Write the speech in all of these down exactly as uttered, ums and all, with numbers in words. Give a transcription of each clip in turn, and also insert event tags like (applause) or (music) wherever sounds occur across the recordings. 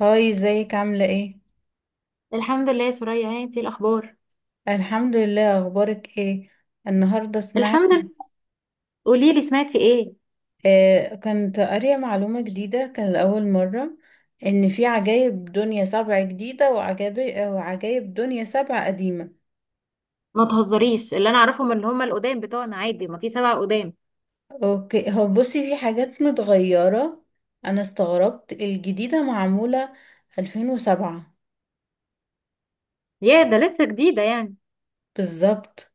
هاي ازيك عاملة ايه؟ الحمد لله يا سوريا، ها انتي الاخبار. الحمد لله اخبارك ايه؟ النهاردة سمعت. الحمد لله. قولي لي سمعتي ايه. آه كنت قارية معلومة جديدة كان لأول مرة ان في عجايب دنيا سبع جديدة وعجائب وعجايب دنيا سبع قديمة. ما تهزريش، اللي انا اعرفهم اللي هم القدام بتوعنا عادي، ما في سبع قدام. اوكي، هو بصي في حاجات متغيرة. انا استغربت الجديدة معمولة ألفين وسبعة. يا ده لسه جديده يعني. بالظبط.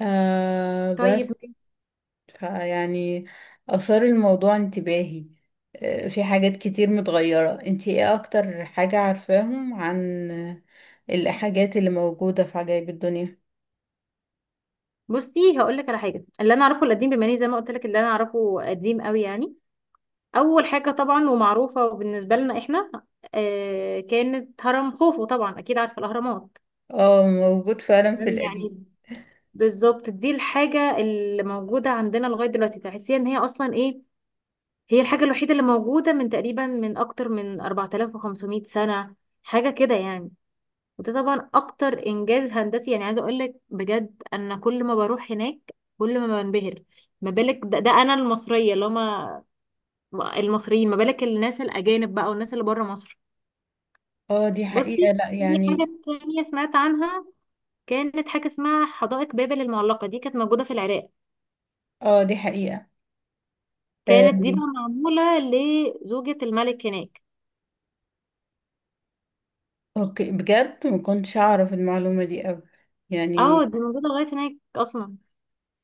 آه طيب. بس فيعني أثار الموضوع انتباهي. آه، في حاجات كتير متغيرة، انتي ايه أكتر حاجة عارفاهم عن آه، الحاجات اللي موجودة في عجائب الدنيا؟ بصي هقول لك على حاجه، اللي انا اعرفه القديم بما اني زي ما قلت لك اللي انا اعرفه قديم قوي يعني. اول حاجه طبعا ومعروفه بالنسبه لنا احنا، آه كانت هرم خوفو، طبعا اكيد عارفه الاهرامات. اه، موجود فعلا في تمام؟ القديم. يعني بالظبط دي الحاجه اللي موجوده عندنا لغايه دلوقتي، تحسيها ان هي اصلا ايه. هي الحاجة الوحيدة اللي موجودة من تقريبا من أكتر من أربعة آلاف وخمسمائة سنة، حاجة كده يعني. وده طبعا أكتر إنجاز هندسي، يعني عايزة أقولك بجد أنا كل ما بروح هناك كل ما بنبهر. ما بالك، ده, ده أنا المصرية، اللي هما المصريين، ما بالك الناس الأجانب بقى والناس اللي بره مصر. اه دي حقيقة، بصي، لا في يعني. حاجة تانية سمعت عنها، كانت حاجة اسمها حدائق بابل المعلقة، دي كانت موجودة في العراق. اه دي حقيقة. كانت دي بقى آم، معمولة لزوجة الملك هناك. اوكي، بجد ما كنتش أعرف المعلومة دي أوي اه يعني. دي موجودة لغاية هناك أصلا.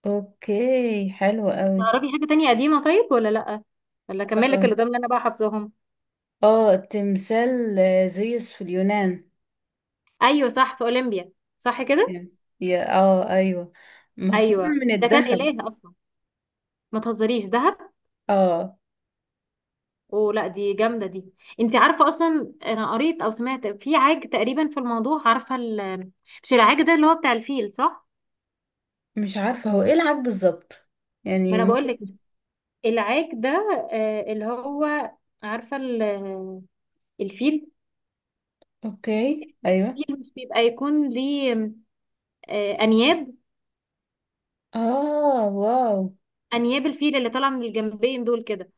اوكي، حلو أوي. تعرفي حاجة تانية قديمة طيب ولا لأ، ولا أكمل لك اللي اه. قدام اللي أنا بقى حافظاهم. اه، تمثال آه، زيوس في اليونان. أيوة صح، في أولمبيا. صح كده. يعني. يا اه ايوه، مصنوع أيوة، من ده كان الذهب. إله أصلا. ما تهزريش دهب، اه، ولا دي جامدة دي. أنت عارفة أصلا أنا قريت أو سمعت في عاج تقريبا في الموضوع، عارفة ال... مش العاج ده اللي هو بتاع الفيل صح. مش عارفة هو ايه العاد بالظبط، ما يعني أنا بقول ممكن. لك العاج ده، آه، اللي هو عارفة ال... الفيل. اوكي، ايوه. الفيل مش بيبقى يكون ليه آه، أنياب. اه، واو. أنياب الفيل اللي طالعة من الجنبين دول كده.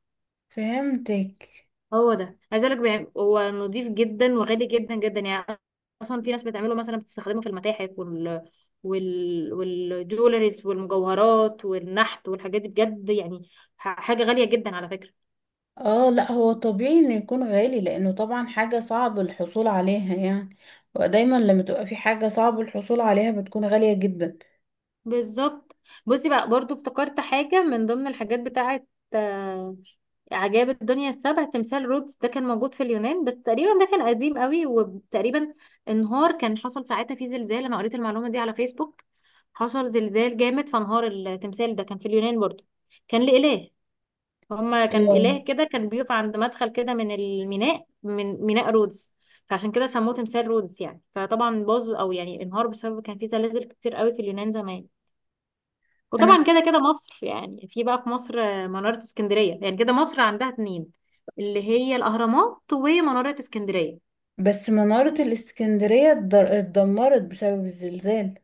فهمتك. هو ده عايز اقول لك بيع- هو نظيف جدا وغالي جدا جدا يعني. اصلا في ناس بتعمله مثلا، بتستخدمه في المتاحف وال وال والجولريز والمجوهرات والنحت والحاجات دي بجد يعني. ح- حاجة غالية جدا على فكرة. اه لا، هو طبيعي انه يكون غالي لانه طبعا حاجة صعب الحصول عليها يعني. ودايما لما تبقى في حاجة صعب الحصول عليها بتكون غالية جدا. بالظبط. بصي بقى برضو افتكرت حاجة من ضمن الحاجات بتاعة آه، عجائب الدنيا السبع. تمثال رودز ده كان موجود في اليونان، بس تقريبا ده كان قديم قوي، وتقريبا انهار، كان حصل ساعتها فيه زلزال، انا قريت المعلومة دي على فيسبوك. حصل زلزال جامد فانهار التمثال، ده كان في اليونان برضو. كان لإله، هما كان اه، إله كده، كان بيقف عند مدخل كده من الميناء، من ميناء رودز. فعشان كده سموه تمثال رودز يعني. فطبعا باظ او يعني انهار بسبب كان فيه زلازل كتير قوي في اليونان زمان. انا وطبعا كده كده مصر يعني، في بقى في مصر منارة اسكندرية. يعني كده مصر عندها اتنين، اللي هي الأهرامات ومنارة اسكندرية. بس منارة الاسكندرية اتضر- اتدمرت بسبب الزلزال.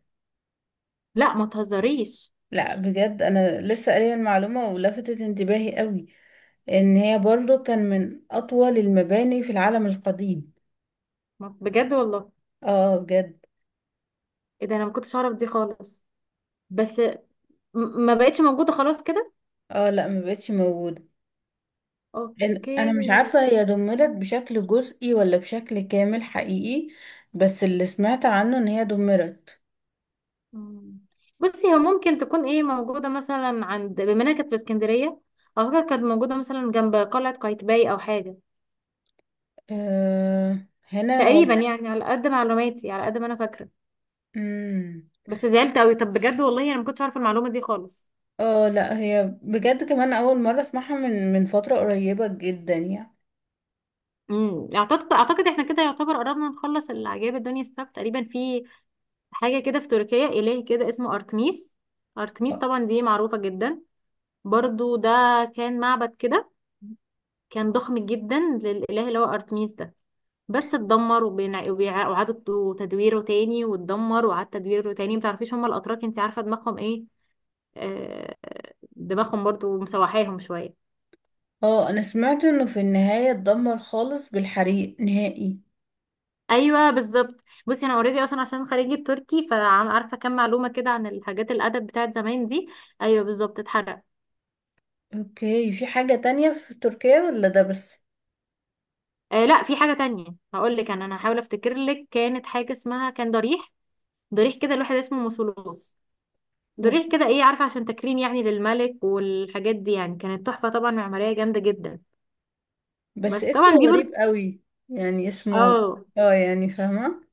لا ما تهزريش. لا بجد، انا لسه قارية المعلومة ولفتت انتباهي قوي ان هي برضو كان من اطول المباني في العالم القديم. ما- بجد والله. اه بجد. ايه ده، انا ما كنتش اعرف دي خالص. بس م- ما بقتش موجودة خلاص كده. اه لا، ما بقتش موجوده. إن- اوكي. انا مش عارفه هي دمرت بشكل جزئي ولا بشكل كامل حقيقي، بس اللي سمعت عنه ان هي دمرت. مم. بصي هو ممكن تكون ايه موجودة مثلا عند، بما انها كانت في اسكندرية، اعتقد كانت موجودة مثلا جنب قلعة قايتباي او حاجة. آه هنا و... تقريبا يعني على قد معلوماتي على قد ما انا فاكرة. مم. بس زعلت قوي، طب بجد والله انا ما كنتش عارفه المعلومه دي خالص. اه لا، هي بجد كمان اول مره اسمعها من من فتره قريبه جدا يعني. امم اعتقد اعتقد احنا كده يعتبر قربنا نخلص العجائب الدنيا السبت تقريبا. في حاجه كده في تركيا، اله كده اسمه ارتميس. ارتميس طبعا دي معروفه جدا. برضو ده كان معبد كده، كان ضخم جدا للاله اللي هو ارتميس ده. بس اتدمر وبينع- وبيع- وإعادة تدويره تاني، واتدمر وإعادة تدويره تاني. متعرفيش هما الأتراك انت عارفة دماغهم ايه، آه، دماغهم برضو مسوحاهم شوية. اه، انا سمعت انه في النهايه اتدمر خالص بالحريق نهائي. ايوه بالظبط. بصي انا اوريدي اصلا عشان خريجه تركي، فعارفه كام معلومه كده عن الحاجات الادب بتاعت زمان دي. ايوه بالظبط، اتحرق. اوكي، في حاجه تانية في تركيا ولا ده بس؟ آه لا، في حاجه تانية هقول لك. انا انا هحاول افتكر لك، كانت حاجه اسمها كان ضريح، ضريح كده الواحد اسمه مسولوس. أوه. ضريح كده ايه عارفه عشان تكريم يعني للملك والحاجات دي، يعني كانت تحفه طبعا معماريه جامده جدا. بس بس طبعا اسمه دي غريب برضه. قوي، يعني اسمه. اه. اه يعني، فاهمة.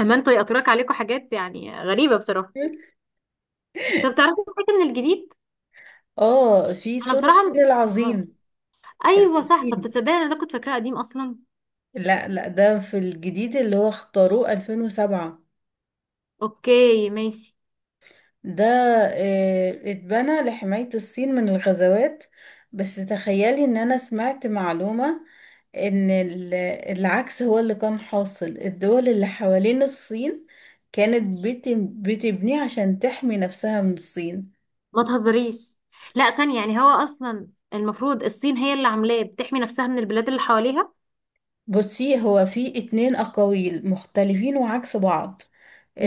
اما انتوا يأطرك عليكم حاجات يعني غريبه بصراحه. طب تعرفي حاجه من الجديد؟ اه، في انا سور بصراحه الفيل م- العظيم. ايوه صح، طب العظيم. تصدقي انا ده كنت فاكراه قديم اصلا. لا لا، ده في الجديد اللي هو اختاروه ألفين وسبعة. اوكي ماشي. ده آه، اتبنى لحماية الصين من الغزوات. بس تخيلي ان انا سمعت معلومة ان ال- العكس هو اللي كان حاصل. الدول اللي حوالين الصين كانت بت- بتبنيه عشان تحمي نفسها من الصين. ما تهزريش، لا ثانية يعني، هو اصلا المفروض الصين هي اللي عاملاه بتحمي نفسها من البلاد اللي حواليها. بصي، هو في اتنين أقاويل مختلفين وعكس بعض.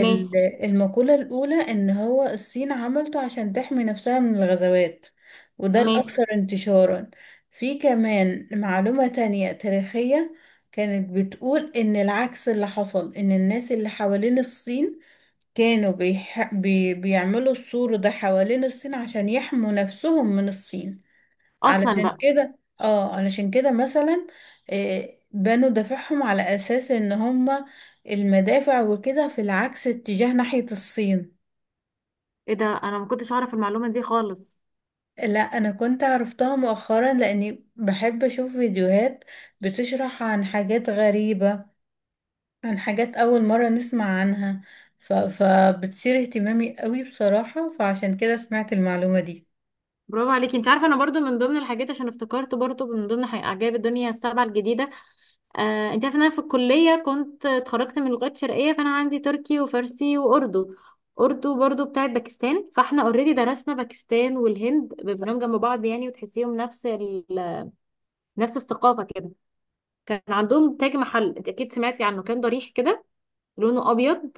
ماشي. المقولة الأولى إن هو الصين عملته عشان تحمي نفسها من الغزوات، وده ماشي. الأكثر انتشارا. في كمان معلومة تانية تاريخية كانت بتقول إن العكس اللي حصل، إن الناس اللي حوالين الصين كانوا بيح... بي... بيعملوا السور ده حوالين الصين عشان يحموا نفسهم من الصين. اصلا علشان بقى. كده، اه علشان كده مثلا آه، بنوا دوافعهم على اساس ان هما المدافع وكده في العكس اتجاه ناحية الصين. ايه ده، انا ما كنتش اعرف المعلومة دي خالص. لا، انا كنت عرفتها مؤخرا لاني بحب اشوف فيديوهات بتشرح عن حاجات غريبة، عن حاجات اول مرة نسمع عنها، ف... فبتثير اهتمامي قوي بصراحة، فعشان كده سمعت المعلومة دي. برافو عليكي. انت عارفه انا برضو من ضمن الحاجات عشان افتكرت برضو من ضمن حي- عجائب الدنيا السبعه الجديده. آه انت عارفه ان انا في الكليه كنت اتخرجت من لغات شرقيه، فانا عندي تركي وفارسي واردو. اردو برضو بتاعت باكستان، فاحنا اوريدي درسنا باكستان والهند، بنبقى جنب بعض يعني وتحسيهم نفس نفس الثقافه كده. كان عندهم تاج محل، انت اكيد سمعتي عنه، كان ضريح كده لونه ابيض،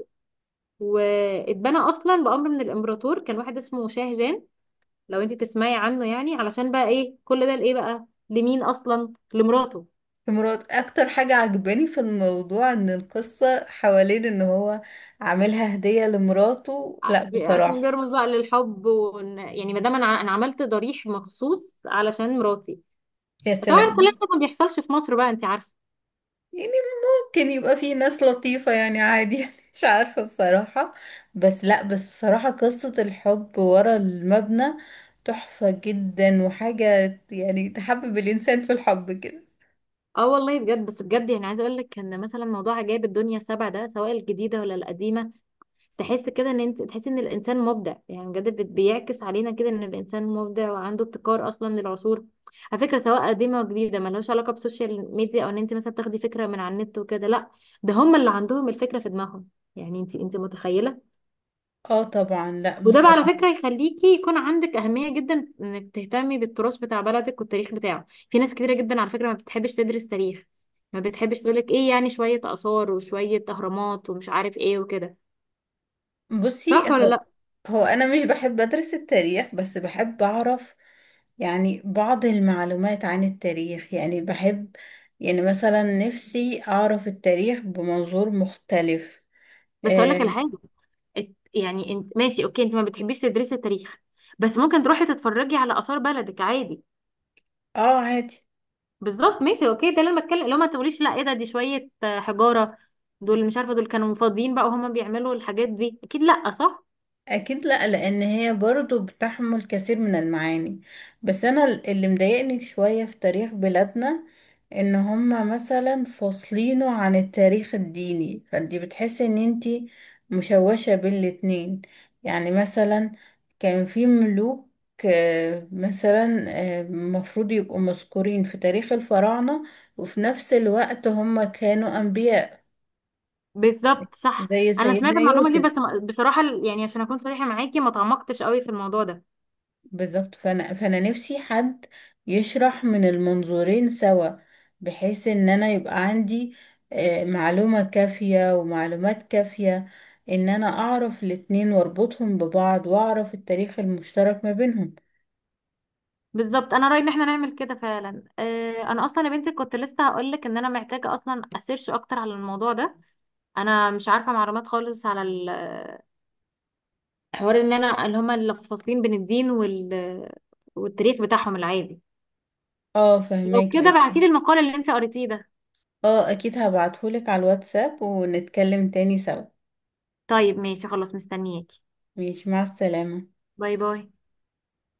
واتبنى اصلا بامر من الامبراطور كان واحد اسمه شاه جان. لو انت تسمعي عنه يعني، علشان بقى ايه كل ده لايه بقى لمين، اصلا لمراته. في مراد اكتر حاجة عجباني في الموضوع ان القصة حوالين ان هو عاملها هدية لمراته، لا عشان بصراحة. بيرمز بقى للحب، وإن- يعني ما دام انا ع- انا عملت ضريح مخصوص علشان مراتي. يا طبعا الكلام سلام. ده ما بيحصلش في مصر بقى، انت عارفه. يعني ممكن يبقى في ناس لطيفة يعني، عادي (laughs) يعني مش عارفة بصراحة. بس لا، بس بصراحة قصة الحب ورا المبنى تحفة جدا وحاجة، يعني تحبب الانسان في الحب كده. اه والله بجد، بس بجد يعني عايزه اقول لك ان مثلا موضوع عجائب الدنيا السبع ده سواء الجديده ولا القديمه، تحس كده ان انت تحس ان الانسان مبدع يعني بجد، بت- بيعكس علينا كده ان الانسان مبدع وعنده ابتكار اصلا للعصور، على فكره سواء قديمه وجديده، ملهاش علاقه بالسوشيال ميديا او ان انت مثلا تاخدي فكره من على النت وكده، لا. ده هم اللي عندهم الفكره في دماغهم، يعني انت انت متخيله. اه طبعا، لا وده بقى على بصراحة. فكره يخليكي يكون عندك اهميه جدا انك تهتمي بالتراث بتاع بلدك والتاريخ بتاعه. في ناس كتيره جدا على فكره ما بتحبش تدرس تاريخ، ما بتحبش تقولك ايه يعني شويه اثار وشويه اهرامات ومش عارف ايه وكده. بصي صح ولا هو لا؟ هو انا مش بحب ادرس التاريخ، بس بحب اعرف يعني بعض المعلومات عن التاريخ، يعني بحب يعني مثلا نفسي اعرف التاريخ بمنظور مختلف. بس اقول لك على اه. حاجه، ات- يعني انت ماشي اوكي، انت ما بتحبيش تدرسي تاريخ، بس ممكن تروحي تتفرجي على آثار بلدك عادي. آه، عادي. بالظبط، ماشي اوكي، ده اللي انا بتكلم، لو ما تقوليش لا ايه ده دي شوية آه، حجارة. دول مش عارفة دول كانوا فاضيين بقى وهما بيعملوا الحاجات دي، اكيد لا صح. اكيد لا، لان هي برضو بتحمل كثير من المعاني. بس انا اللي مضايقني شوية في تاريخ بلادنا ان هما مثلا فاصلينه عن التاريخ الديني، فانتي بتحسي ان انتي مشوشة بين الاتنين. يعني مثلا كان في ملوك، آه، مثلا آه، المفروض يبقوا مذكورين في تاريخ الفراعنة وفي نفس الوقت هما كانوا انبياء، بالظبط صح. زي انا سمعت سيدنا المعلومة دي، يوسف. بس ما- بصراحة ال- يعني عشان اكون صريحة معاكي ما تعمقتش قوي في الموضوع ده. بالظبط. فانا فانا نفسي حد يشرح من المنظورين سوا، بحيث ان انا يبقى عندي آه، معلومة كافية ومعلومات كافية، ان انا اعرف الاتنين واربطهم ببعض واعرف التاريخ المشترك ما بينهم. بالظبط. انا رايي ان احنا نعمل كده فعلا. آه، انا اصلا يا بنتي كنت لسه هقول لك ان انا محتاجه اصلا اسيرش اكتر على الموضوع ده. انا مش عارفه معلومات خالص على حوار ان انا اللي هما اللي فاصلين بين الدين وال... والتاريخ بتاعهم العادي. اه لو فهماك كده بعتيلي اكيد. المقال اللي انت قريتيه ده. اه اكيد، هبعتهولك على الواتساب ونتكلم تاني سوا. طيب ماشي خلاص مستنياكي. ماشي، مع السلامة. باي باي.